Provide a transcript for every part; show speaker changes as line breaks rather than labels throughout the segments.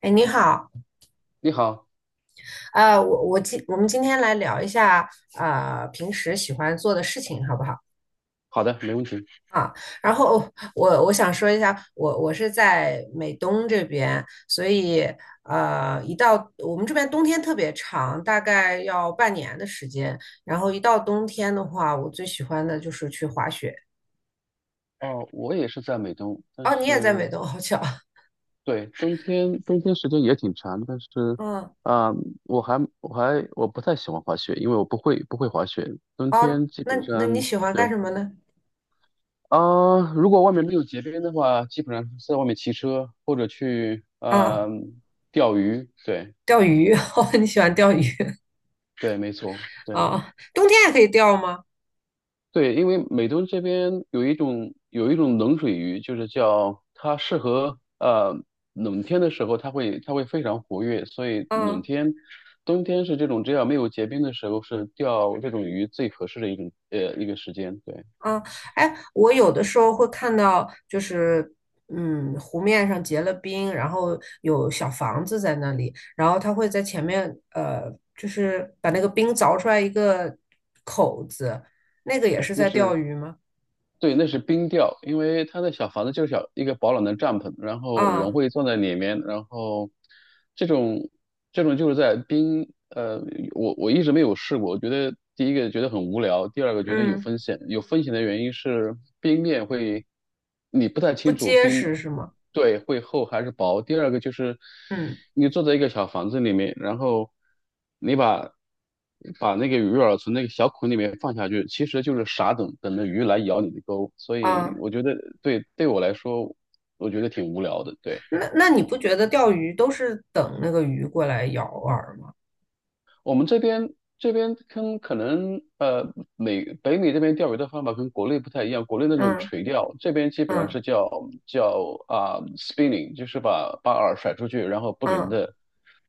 哎，你好。
你好。
我们今天来聊一下，平时喜欢做的事情，好不好？
好的，没问题。
啊，然后我想说一下，我是在美东这边，所以一到我们这边冬天特别长，大概要半年的时间，然后一到冬天的话，我最喜欢的就是去滑雪。
哦，我也是在美东，但
哦，你也在美
是
东，好巧。
对，冬天时间也挺长，但是
嗯。
啊、我不太喜欢滑雪，因为我不会滑雪。冬
哦，
天基
那
本
那你
上
喜欢干
对。
什么呢？
如果外面没有结冰的话，基本上是在外面骑车或者去
啊，
钓鱼。对。
钓鱼。哦，你喜欢钓鱼
对，没错，对。
啊。哦，冬天也可以钓吗？
对，因为美东这边有一种冷水鱼，就是叫它适合冷天的时候，它会非常活跃，所以冷
嗯
天、冬天是这种只要没有结冰的时候，是钓这种鱼最合适的一个时间。对。
嗯。哎，我有的时候会看到，就是湖面上结了冰，然后有小房子在那里，然后他会在前面，就是把那个冰凿出来一个口子，那个也是在钓鱼吗？
对，那是冰钓，因为它的小房子就是小一个保暖的帐篷，然后人
啊，
会坐在里面，然后这种这种就是在冰，我一直没有试过，我觉得第一个觉得很无聊，第二个觉得有
嗯，
风险，有风险的原因是冰面会，你不太
不
清楚
结
冰，
实是吗？
对，会厚还是薄，第二个就是
嗯，
你坐在一个小房子里面，然后你把。把那个鱼饵从那个小孔里面放下去，其实就是傻等，等着鱼来咬你的钩。所以
啊，
我觉得对我来说，我觉得挺无聊的。对。
那你不觉得钓鱼都是等那个鱼过来咬饵吗？
我们这边这边跟可能美北美这边钓鱼的方法跟国内不太一样，国内那种
嗯
垂钓，这边基本上
嗯
是叫spinning,就是把饵甩出去，然后不停
嗯，
的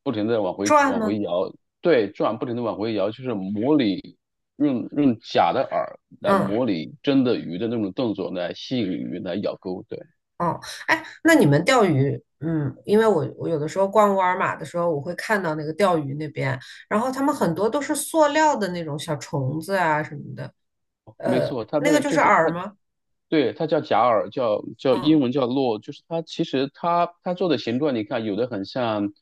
不停的往回
转
往
吗？
回摇，对，转不停的往回摇，就是模拟用假的饵来
嗯。
模拟真的鱼的那种动作来吸引鱼来咬钩，对，
哦，哎，那你们钓鱼，因为我有的时候逛沃尔玛的时候，我会看到那个钓鱼那边，然后他们很多都是塑料的那种小虫子啊什么的，
没错，它
那
那
个
个
就
就
是
是它
饵吗？
对，它叫假饵，叫英
嗯
文叫落，就是它其实它做的形状，你看有的很像，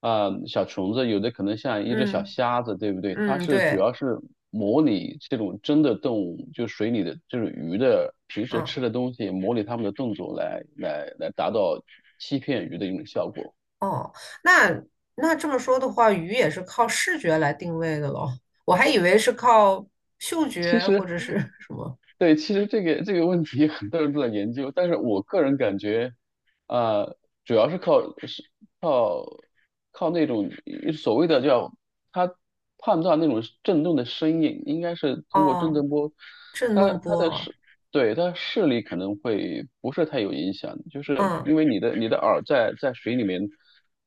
啊小虫子，有的可能像一只小
嗯
虾子，对不对？它
嗯，
是主
对，
要是模拟这种真的动物，就水里的这种鱼的平时
嗯，
吃的东西，模拟它们的动作来达到欺骗鱼的一种效果。
哦，那那这么说的话，鱼也是靠视觉来定位的咯，我还以为是靠嗅
其
觉或
实。
者是什么。
对，其实这个问题很多人都在研究，但是我个人感觉，啊、主要是靠是靠靠那种所谓的叫他判断那种震动的声音，应该是通过震
哦，
动波，
震
他
动
他
波
的
啊。
视对他视力可能会不是太有影响，就是
嗯，
因为你的耳在水里面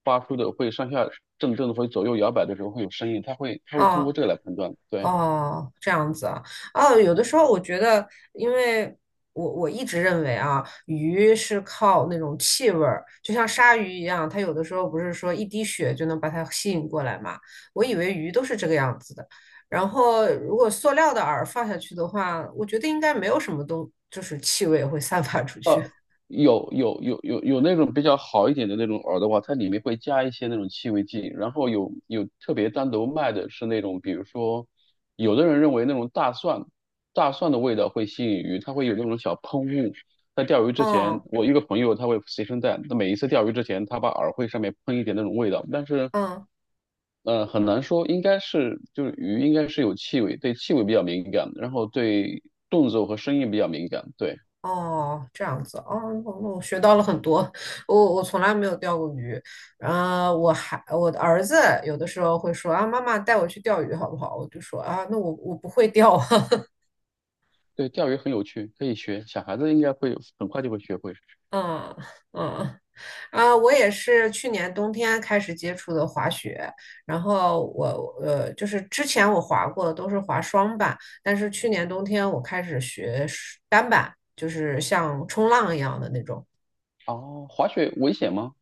发出的会上下震动，会左右摇摆的时候会有声音，它会通过
哦
这个来判断，对。
哦，这样子啊。哦，有的时候我觉得，因为我一直认为啊，鱼是靠那种气味儿，就像鲨鱼一样，它有的时候不是说一滴血就能把它吸引过来嘛，我以为鱼都是这个样子的。然后如果塑料的饵放下去的话，我觉得应该没有什么东，就是气味会散发出去。
有那种比较好一点的那种饵的话，它里面会加一些那种气味剂，然后有特别单独卖的是那种，比如说，有的人认为那种大蒜，大蒜的味道会吸引鱼，它会有那种小喷雾。在钓鱼 之前，
哦。
我一个朋友他会随身带，他每一次钓鱼之前，他把饵会上面喷一点那种味道，但是
嗯。
很难说，应该是就是鱼应该是有气味，对气味比较敏感，然后对动作和声音比较敏感，对。
哦，这样子哦，我学到了很多。我从来没有钓过鱼，然后我的儿子有的时候会说啊，妈妈带我去钓鱼好不好？我就说啊，那我不会钓啊。
对，钓鱼很有趣，可以学，小孩子应该会有很快就会学会。
嗯嗯啊，我也是去年冬天开始接触的滑雪，然后我就是之前我滑过的都是滑双板，但是去年冬天我开始学单板，就是像冲浪一样的那种。
哦，滑雪危险吗？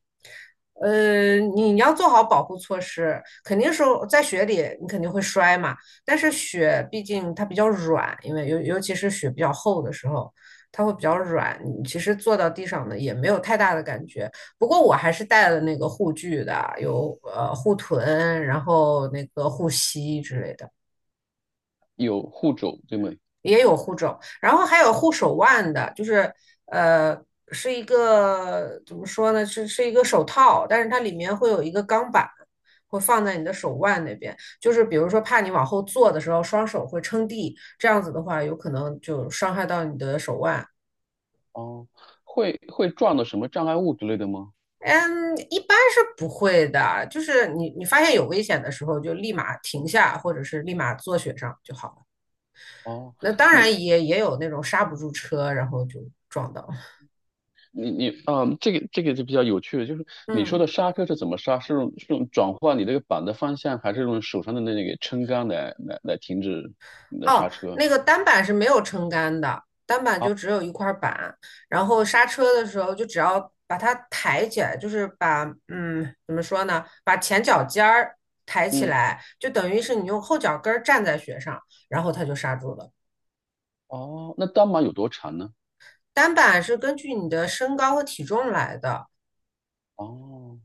你要做好保护措施，肯定是在雪里你肯定会摔嘛。但是雪毕竟它比较软，因为尤其是雪比较厚的时候，它会比较软。你其实坐到地上呢也没有太大的感觉。不过我还是带了那个护具的，有护臀，然后那个护膝之类的。
有护肘，对吗？
然后还有护手腕的，就是呃，是一个怎么说呢？是一个手套，但是它里面会有一个钢板，会放在你的手腕那边，就是比如说怕你往后坐的时候双手会撑地，这样子的话有可能就伤害到你的手腕。
哦，会会撞到什么障碍物之类的吗？
嗯，一般是不会的，就是你发现有危险的时候就立马停下，或者是立马坐雪上就好了。
哦，
那当然
你
也有那种刹不住车，然后就撞到了。
你，嗯，这个就比较有趣了，就是你说
嗯。
的刹车是怎么刹？是用转换你这个板的方向，还是用手上的那个撑杆来停止你的刹
哦，
车？
那个单板是没有撑杆的，单板
啊，
就只有一块板，然后刹车的时候就只要把它抬起来，就是把怎么说呢，把前脚尖儿抬起
嗯，
来，就等于是你用后脚跟儿站在雪上，然后它就刹住了。
哦，那单板有多长呢？
单板是根据你的身高和体重来的。
哦，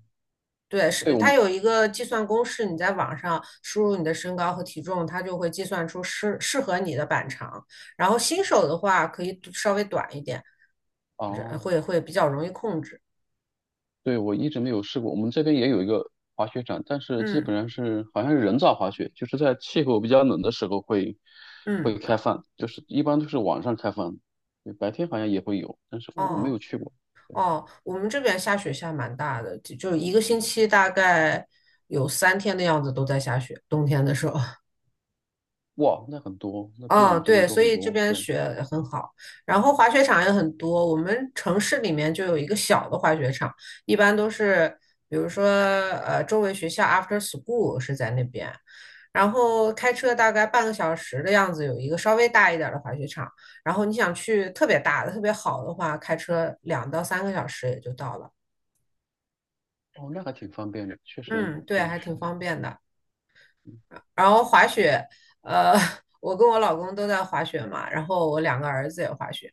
对，是
对，我
它
们，
有一个计算公式，你在网上输入你的身高和体重，它就会计算出适合你的板长。然后新手的话，可以稍微短一点，这
哦。
会比较容易控制。
对，我一直没有试过。我们这边也有一个滑雪场，但是基
嗯
本上是好像是人造滑雪，就是在气候比较冷的时候会
嗯，
会开放，就是一般都是晚上开放，对，白天好像也会有，但是我没有
哦
去过。
哦，我们这边下雪下蛮大的，就一个星期大概有3天的样子都在下雪，冬天的时候。
哇，那很多，那比我
嗯，
们这边
对，
多
所
很
以这
多。
边
对，
雪很好，然后滑雪场也很多。我们城市里面就有一个小的滑雪场，一般都是，比如说，周围学校 after school 是在那边，然后开车大概半个小时的样子，有一个稍微大一点儿的滑雪场。然后你想去特别大的、特别好的话，开车2到3个小时也就到了。
哦，那还挺方便的，确实，
嗯，对，
对，
还 挺方便的。然后滑雪，呃，我跟我老公都在滑雪嘛，然后我2个儿子也滑雪，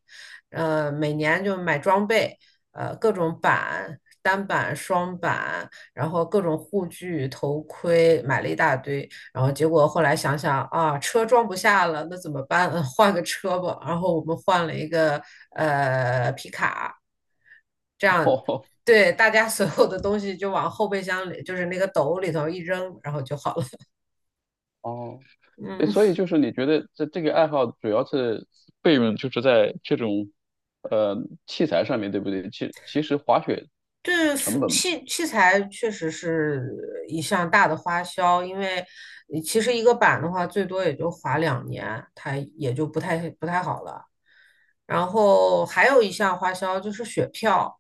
每年就买装备，各种板、单板、双板，然后各种护具、头盔，买了一大堆，然后结果后来想想啊，车装不下了，那怎么办？换个车吧。然后我们换了一个皮卡，这样。
哦。
对，大家所有的东西就往后备箱里，就是那个斗里头一扔，然后就好了。
哦，对，所以
嗯。
就是你觉得这个爱好主要是费用就是在这种呃器材上面，对不对？其其实滑雪
对，
成
服
本。
器器材确实是一项大的花销，因为你其实一个板的话，最多也就划2年，它也就不太好了。然后还有一项花销就是雪票，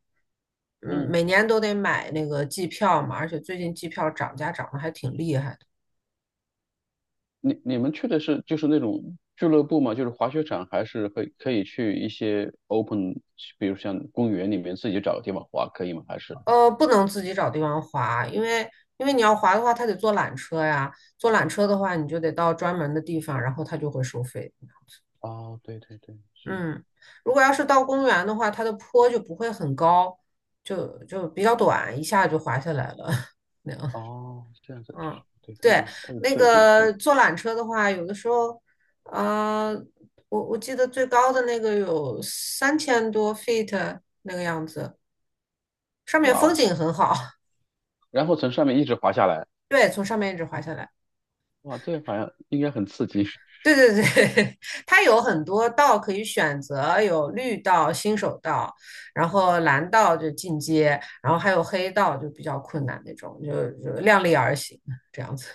嗯，
每年都得买那个季票嘛，而且最近季票涨价涨得还挺厉害的。
你你们去的是就是那种俱乐部吗？就是滑雪场，还是会可以去一些 open,比如像公园里面自己找个地方滑，可以吗？还是？
不能自己找地方滑，因为你要滑的话，他得坐缆车呀，坐缆车的话，你就得到专门的地方，然后他就会收费。
哦，对对对，是。
嗯，如果要是到公园的话，它的坡就不会很高，就比较短，一下就滑下来了。那样，
哦，这样子，
嗯，
对，它
对，
有它有
那
设计，
个
对，
坐缆车的话，有的时候，呃，我记得最高的那个有3000多 feet 那个样子，上面
哇
风
哦，
景很好。
然后从上面一直滑下来，
对，从上面一直滑下来。
哇，这个好像应该很刺激。
对对对，它有很多道可以选择，有绿道、新手道，然后蓝道就进阶，然后还有黑道就比较困难那种，就量力而行这样子。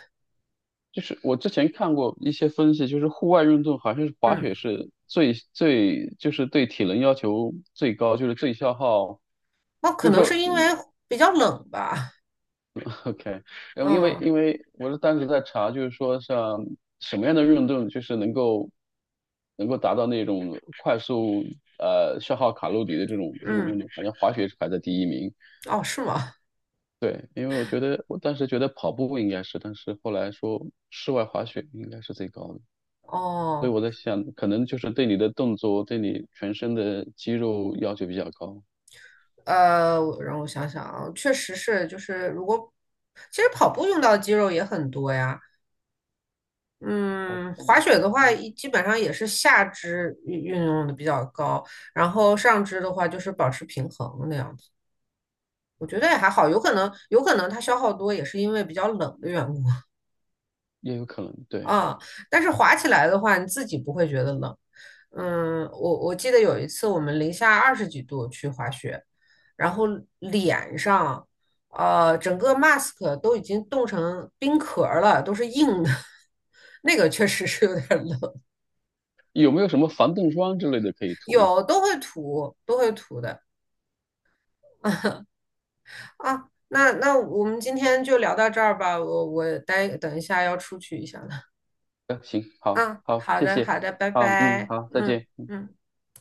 就是我之前看过一些分析，就是户外运动好像是滑
嗯，
雪是最就是对体能要求最高，就是最消耗。
那可
就是
能是
说
因为比较冷吧。
OK,然后因为
嗯
因为我是当时在查，就是说像什么样的运动就是能够达到那种快速消耗卡路里的这种运
嗯，
动，好像滑雪是排在第一名。
哦，是吗？
对，因为我觉得我当时觉得跑步应该是，但是后来说室外滑雪应该是最高的，所以
哦，
我在想，可能就是对你的动作、对你全身的肌肉要求比较高。
我让我想想啊，确实是，就是如果其实跑步用到的肌肉也很多呀。
跑
嗯，
步，
滑雪的话，
嗯，
基本上也是下肢运用的比较高，然后上肢的话就是保持平衡那样子。我觉得也还好，有可能它消耗多也是因为比较冷的缘故。
也有可能。对，
啊。但是滑起来的话，你自己不会觉得冷。嗯，我记得有一次我们零下20几度去滑雪，然后脸上整个 mask 都已经冻成冰壳儿了，都是硬的。那个确实是有点冷。
有没有什么防冻霜之类的可以涂？
有都会涂，都会涂的啊。那我们今天就聊到这儿吧，我等一下要出去一下了
行，好，
啊。
好，
好
谢
的
谢，
好的，拜
啊，嗯，
拜，
好，再
嗯
见。
嗯。